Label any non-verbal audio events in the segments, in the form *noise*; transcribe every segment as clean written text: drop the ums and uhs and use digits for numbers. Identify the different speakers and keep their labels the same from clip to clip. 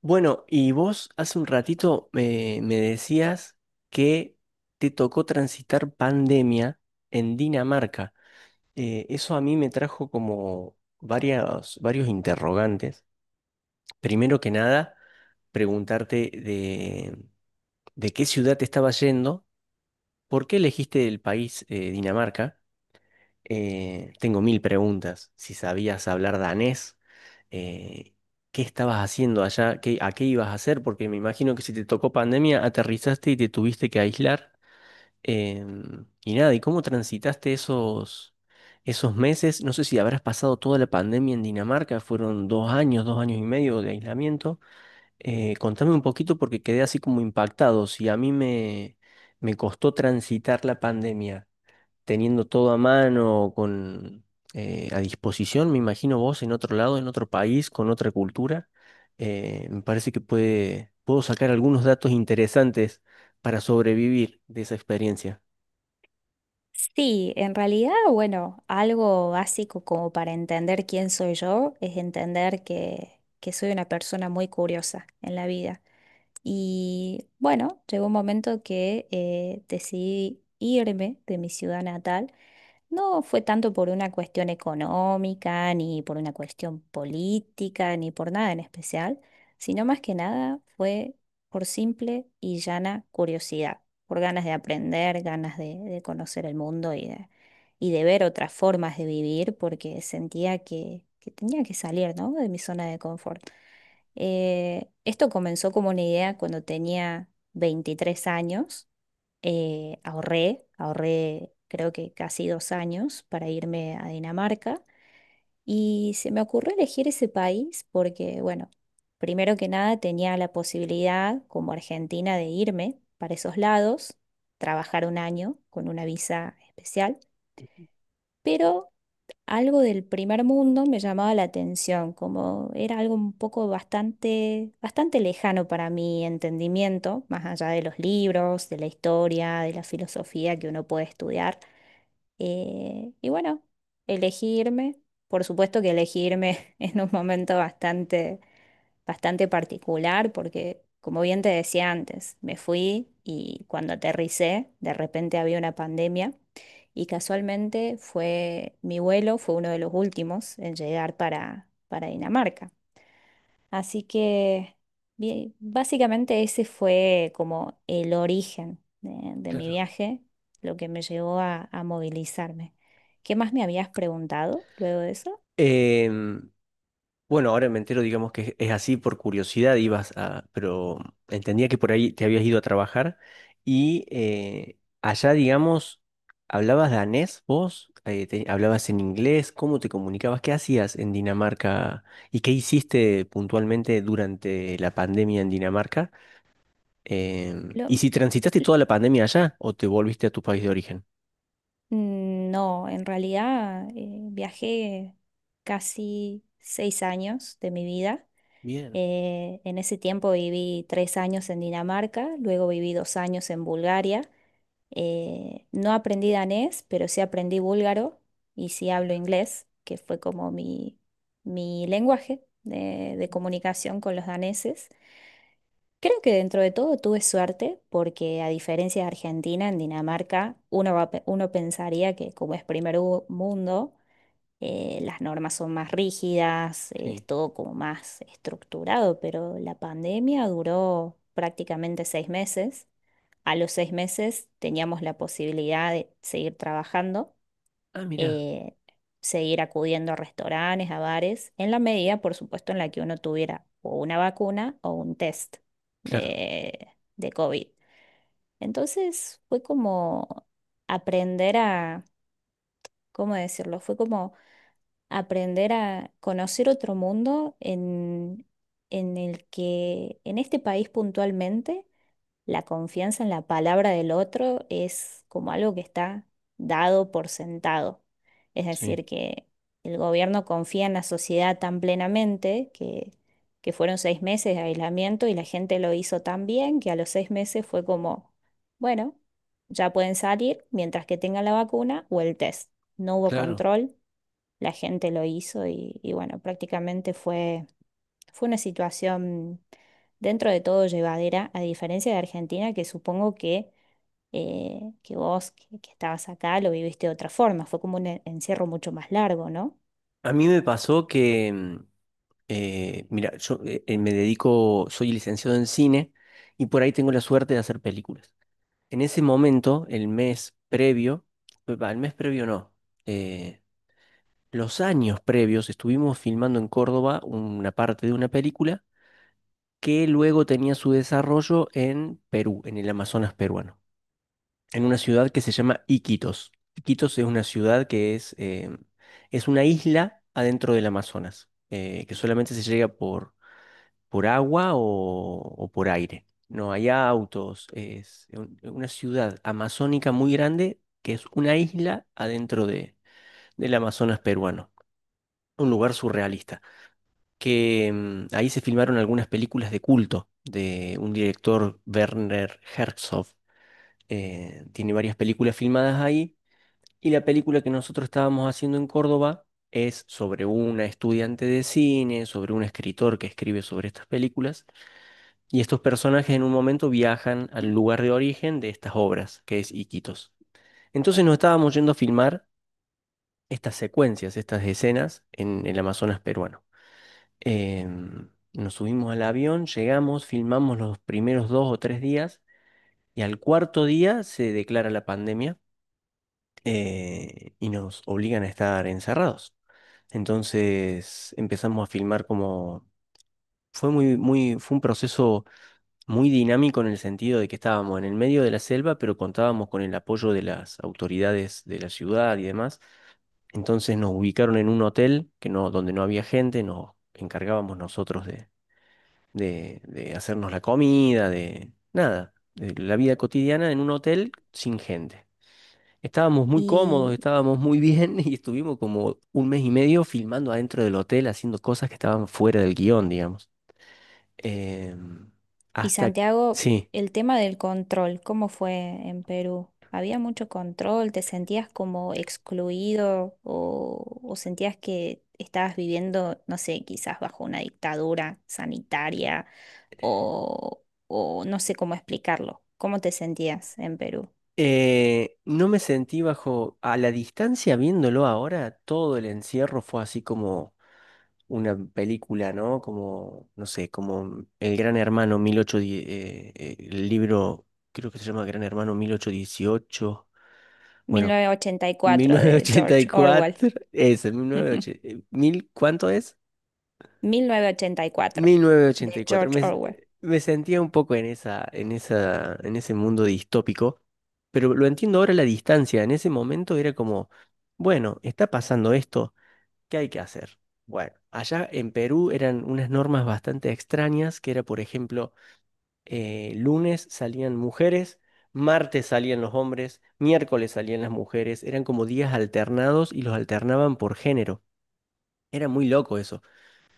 Speaker 1: Bueno, y vos hace un ratito me decías que te tocó transitar pandemia en Dinamarca. Eso a mí me trajo como varios interrogantes. Primero que nada, preguntarte de qué ciudad te estabas yendo, por qué elegiste el país, Dinamarca. Tengo mil preguntas. Si sabías hablar danés, eh, ¿qué estabas haciendo allá? ¿A qué ibas a hacer? Porque me imagino que si te tocó pandemia, aterrizaste y te tuviste que aislar. Y nada, ¿y cómo transitaste esos meses? No sé si habrás pasado toda la pandemia en Dinamarca, fueron 2 años, 2 años y medio de aislamiento. Contame un poquito porque quedé así como impactado. Si a mí me costó transitar la pandemia teniendo todo a mano, a disposición. Me imagino vos en otro lado, en otro país, con otra cultura, me parece que puedo sacar algunos datos interesantes para sobrevivir de esa experiencia.
Speaker 2: Sí, en realidad, bueno, algo básico como para entender quién soy yo es entender que soy una persona muy curiosa en la vida. Y bueno, llegó un momento que decidí irme de mi ciudad natal. No fue tanto por una cuestión económica, ni por una cuestión política, ni por nada en especial, sino más que nada fue por simple y llana curiosidad por ganas de aprender, ganas de conocer el mundo y de ver otras formas de vivir, porque sentía que tenía que salir, ¿no?, de mi zona de confort. Esto comenzó como una idea cuando tenía 23 años. Ahorré creo que casi 2 años para irme a Dinamarca. Y se me ocurrió elegir ese país porque, bueno, primero que nada tenía la posibilidad como argentina de irme para esos lados, trabajar un año con una visa especial, pero algo del primer mundo me llamaba la atención, como era algo un poco bastante, bastante lejano para mi entendimiento, más allá de los libros, de la historia, de la filosofía que uno puede estudiar. Y bueno, elegirme, por supuesto que elegirme *laughs* en un momento bastante, bastante particular, porque como bien te decía antes, me fui y cuando aterricé, de repente había una pandemia y casualmente fue mi vuelo, fue uno de los últimos en llegar para Dinamarca. Así que bien, básicamente ese fue como el origen de mi
Speaker 1: Claro.
Speaker 2: viaje, lo que me llevó a movilizarme. ¿Qué más me habías preguntado luego de eso?
Speaker 1: Em, Bueno, ahora me entero, digamos que es así por curiosidad, pero entendía que por ahí te habías ido a trabajar y allá, digamos, ¿hablabas danés vos? ¿Hablabas en inglés? ¿Cómo te comunicabas? ¿Qué hacías en Dinamarca? ¿Y qué hiciste puntualmente durante la pandemia en Dinamarca?
Speaker 2: Lo-
Speaker 1: ¿Y si transitaste toda la pandemia allá o te volviste a tu país de origen?
Speaker 2: no, en realidad viajé casi 6 años de mi vida.
Speaker 1: Bien,
Speaker 2: En ese tiempo viví 3 años en Dinamarca, luego viví 2 años en Bulgaria. No aprendí danés, pero sí aprendí búlgaro y sí hablo inglés, que fue como mi lenguaje de comunicación con los daneses. Creo que dentro de todo tuve suerte porque a diferencia de Argentina, en Dinamarca uno, uno pensaría que como es primer mundo, las normas son más rígidas, es
Speaker 1: sí.
Speaker 2: todo como más estructurado, pero la pandemia duró prácticamente 6 meses. A los 6 meses teníamos la posibilidad de seguir trabajando,
Speaker 1: Ah, mira,
Speaker 2: eh, seguir acudiendo a restaurantes, a bares, en la medida, por supuesto, en la que uno tuviera o una vacuna o un test
Speaker 1: claro,
Speaker 2: de, de COVID. Entonces fue como aprender a, ¿cómo decirlo? Fue como aprender a conocer otro mundo en el que, en este país puntualmente la confianza en la palabra del otro es como algo que está dado por sentado. Es
Speaker 1: sí,
Speaker 2: decir, que el gobierno confía en la sociedad tan plenamente que fueron 6 meses de aislamiento y la gente lo hizo tan bien que a los 6 meses fue como, bueno, ya pueden salir mientras que tengan la vacuna o el test. No hubo
Speaker 1: claro.
Speaker 2: control, la gente lo hizo y bueno, prácticamente fue una situación dentro de todo llevadera, a diferencia de Argentina, que supongo que vos que estabas acá lo viviste de otra forma. Fue como un encierro mucho más largo, ¿no?
Speaker 1: A mí me pasó que, mira, yo me dedico, soy licenciado en cine y por ahí tengo la suerte de hacer películas. En ese momento, el mes previo, va, el mes previo no, eh, los años previos estuvimos filmando en Córdoba una parte de una película que luego tenía su desarrollo en Perú, en el Amazonas peruano, en una ciudad que se llama Iquitos. Iquitos es una ciudad que es una isla adentro del Amazonas, que solamente se llega por agua o por aire. No hay autos, es una ciudad amazónica muy grande que es una isla adentro del Amazonas peruano, un lugar surrealista, que ahí se filmaron algunas películas de culto de un director, Werner Herzog. Tiene varias películas filmadas ahí, y la película que nosotros estábamos haciendo en Córdoba es sobre una estudiante de cine, sobre un escritor que escribe sobre estas películas, y estos personajes en un momento viajan al lugar de origen de estas obras, que es Iquitos. Entonces nos estábamos yendo a filmar estas secuencias, estas escenas en el Amazonas peruano. Nos subimos al avión, llegamos, filmamos los primeros 2 o 3 días, y al cuarto día se declara la pandemia. Y nos obligan a estar encerrados. Entonces empezamos a filmar como. Fue un proceso muy dinámico, en el sentido de que estábamos en el medio de la selva, pero contábamos con el apoyo de las autoridades de la ciudad y demás. Entonces nos ubicaron en un hotel que no, donde no había gente, nos encargábamos nosotros de hacernos la comida, de nada, de la vida cotidiana en un hotel sin gente. Estábamos muy cómodos, estábamos muy bien *laughs* y estuvimos como un mes y medio filmando adentro del hotel, haciendo cosas que estaban fuera del guión, digamos. Em,
Speaker 2: Y
Speaker 1: Hasta,
Speaker 2: Santiago,
Speaker 1: sí.
Speaker 2: el tema del control, ¿cómo fue en Perú? ¿Había mucho control? ¿Te sentías como excluido o sentías que estabas viviendo, no sé, quizás bajo una dictadura sanitaria o no sé cómo explicarlo? ¿Cómo te sentías en Perú?
Speaker 1: No me sentí bajo, a la distancia viéndolo ahora, todo el encierro fue así como una película, ¿no? Como, no sé, como El Gran Hermano 1810, el libro, creo que se llama Gran Hermano 1818.
Speaker 2: Mil
Speaker 1: Bueno,
Speaker 2: novecientos ochenta y cuatro de George Orwell.
Speaker 1: 1984, eso,
Speaker 2: *laughs*
Speaker 1: 1980, ¿mil cuánto es?
Speaker 2: 1984 de
Speaker 1: 1984.
Speaker 2: George
Speaker 1: Me,
Speaker 2: Orwell.
Speaker 1: me sentía un poco en esa, en ese mundo distópico, pero lo entiendo ahora a la distancia. En ese momento era como, bueno, está pasando esto, ¿qué hay que hacer? Bueno, allá en Perú eran unas normas bastante extrañas, que era, por ejemplo, lunes salían mujeres, martes salían los hombres, miércoles salían las mujeres, eran como días alternados y los alternaban por género. Era muy loco eso.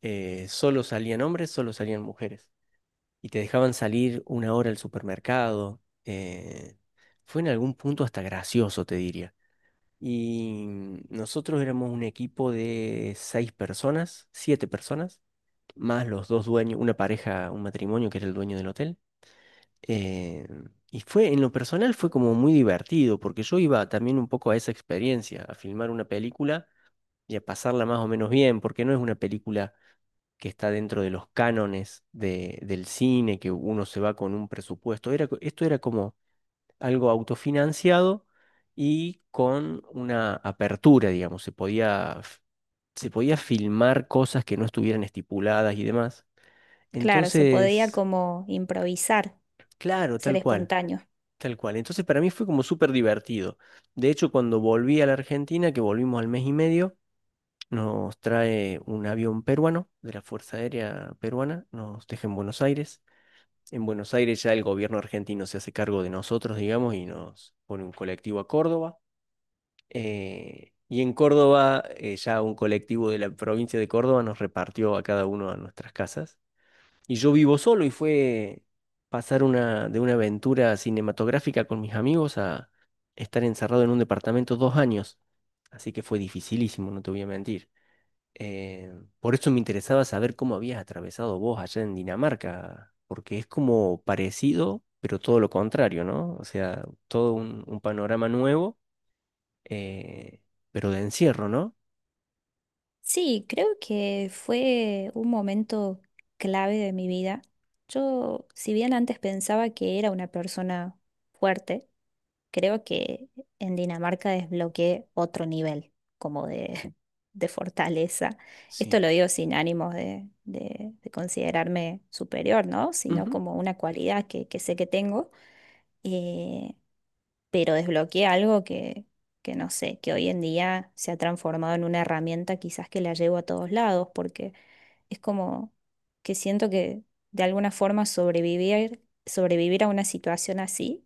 Speaker 1: Solo salían hombres, solo salían mujeres. Y te dejaban salir una hora al supermercado. Fue en algún punto hasta gracioso, te diría. Y nosotros éramos un equipo de seis personas, siete personas, más los dos dueños, una pareja, un matrimonio que era el dueño del hotel. Eh, y en lo personal fue como muy divertido, porque yo iba también un poco a esa experiencia, a filmar una película y a pasarla más o menos bien, porque no es una película que está dentro de los cánones del cine, que uno se va con un presupuesto. Esto era como algo autofinanciado y con una apertura, digamos, se podía filmar cosas que no estuvieran estipuladas y demás.
Speaker 2: Claro, se podía
Speaker 1: Entonces,
Speaker 2: como improvisar,
Speaker 1: claro,
Speaker 2: ser
Speaker 1: tal cual.
Speaker 2: espontáneo.
Speaker 1: Tal cual. Entonces para mí fue como súper divertido. De hecho, cuando volví a la Argentina, que volvimos al mes y medio, nos trae un avión peruano de la Fuerza Aérea Peruana, nos deja en Buenos Aires. En Buenos Aires ya el gobierno argentino se hace cargo de nosotros, digamos, y nos pone un colectivo a Córdoba. Y en Córdoba, ya un colectivo de la provincia de Córdoba nos repartió a cada uno a nuestras casas. Y yo vivo solo y fue pasar de una aventura cinematográfica con mis amigos a estar encerrado en un departamento 2 años. Así que fue dificilísimo, no te voy a mentir. Eh, por eso me interesaba saber cómo habías atravesado vos allá en Dinamarca, porque es como parecido, pero todo lo contrario, ¿no? O sea, todo un panorama nuevo, eh, pero de encierro, ¿no?
Speaker 2: Sí, creo que fue un momento clave de mi vida. Yo, si bien antes pensaba que era una persona fuerte, creo que en Dinamarca desbloqueé otro nivel como de, *laughs* de fortaleza. Esto
Speaker 1: Sí.
Speaker 2: lo digo sin ánimos de considerarme superior, ¿no? Sino
Speaker 1: Ujú.
Speaker 2: como una cualidad que sé que tengo. Eh, pero desbloqueé algo que no sé, que hoy en día se ha transformado en una herramienta quizás que la llevo a todos lados, porque es como que siento que de alguna forma sobrevivir a una situación así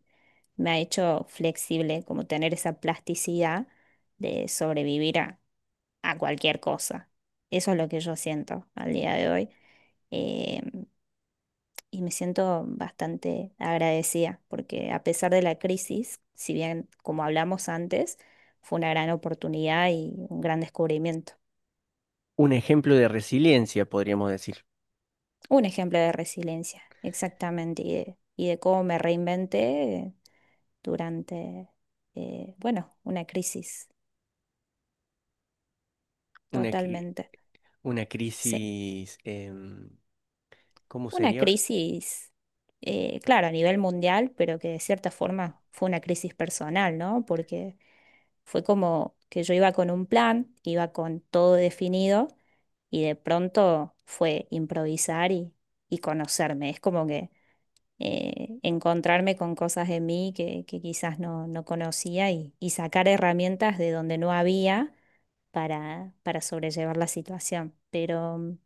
Speaker 2: me ha hecho flexible, como tener esa plasticidad de sobrevivir a cualquier cosa. Eso es lo que yo siento al día de hoy. Em, y me siento bastante agradecida porque a pesar de la crisis, si bien como hablamos antes, fue una gran oportunidad y un gran descubrimiento.
Speaker 1: Un ejemplo de resiliencia, podríamos decir.
Speaker 2: Un ejemplo de resiliencia, exactamente, y de cómo me reinventé durante, bueno, una crisis,
Speaker 1: Una, que-
Speaker 2: totalmente.
Speaker 1: Una
Speaker 2: Sí.
Speaker 1: crisis, ¿cómo
Speaker 2: Una
Speaker 1: sería?
Speaker 2: crisis, claro, a nivel mundial, pero que de cierta forma fue una crisis personal, ¿no? Porque fue como que yo iba con un plan, iba con todo definido y de pronto fue improvisar y conocerme. Es como que encontrarme con cosas de mí que quizás no, no conocía y sacar herramientas de donde no había para sobrellevar la situación. Pero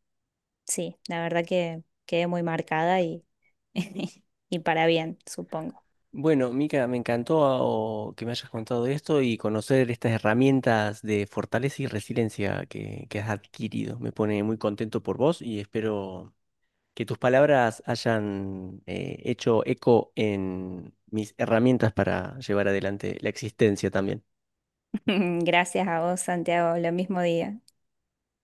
Speaker 2: sí, la verdad que quedé muy marcada y, *laughs* y para bien, supongo.
Speaker 1: Bueno, Mica, me encantó ah, o que me hayas contado esto y conocer estas herramientas de fortaleza y resiliencia que has adquirido. Me pone muy contento por vos y espero que tus palabras hayan hecho eco en mis herramientas para llevar adelante la existencia también.
Speaker 2: *laughs* Gracias a vos, Santiago. Lo mismo día.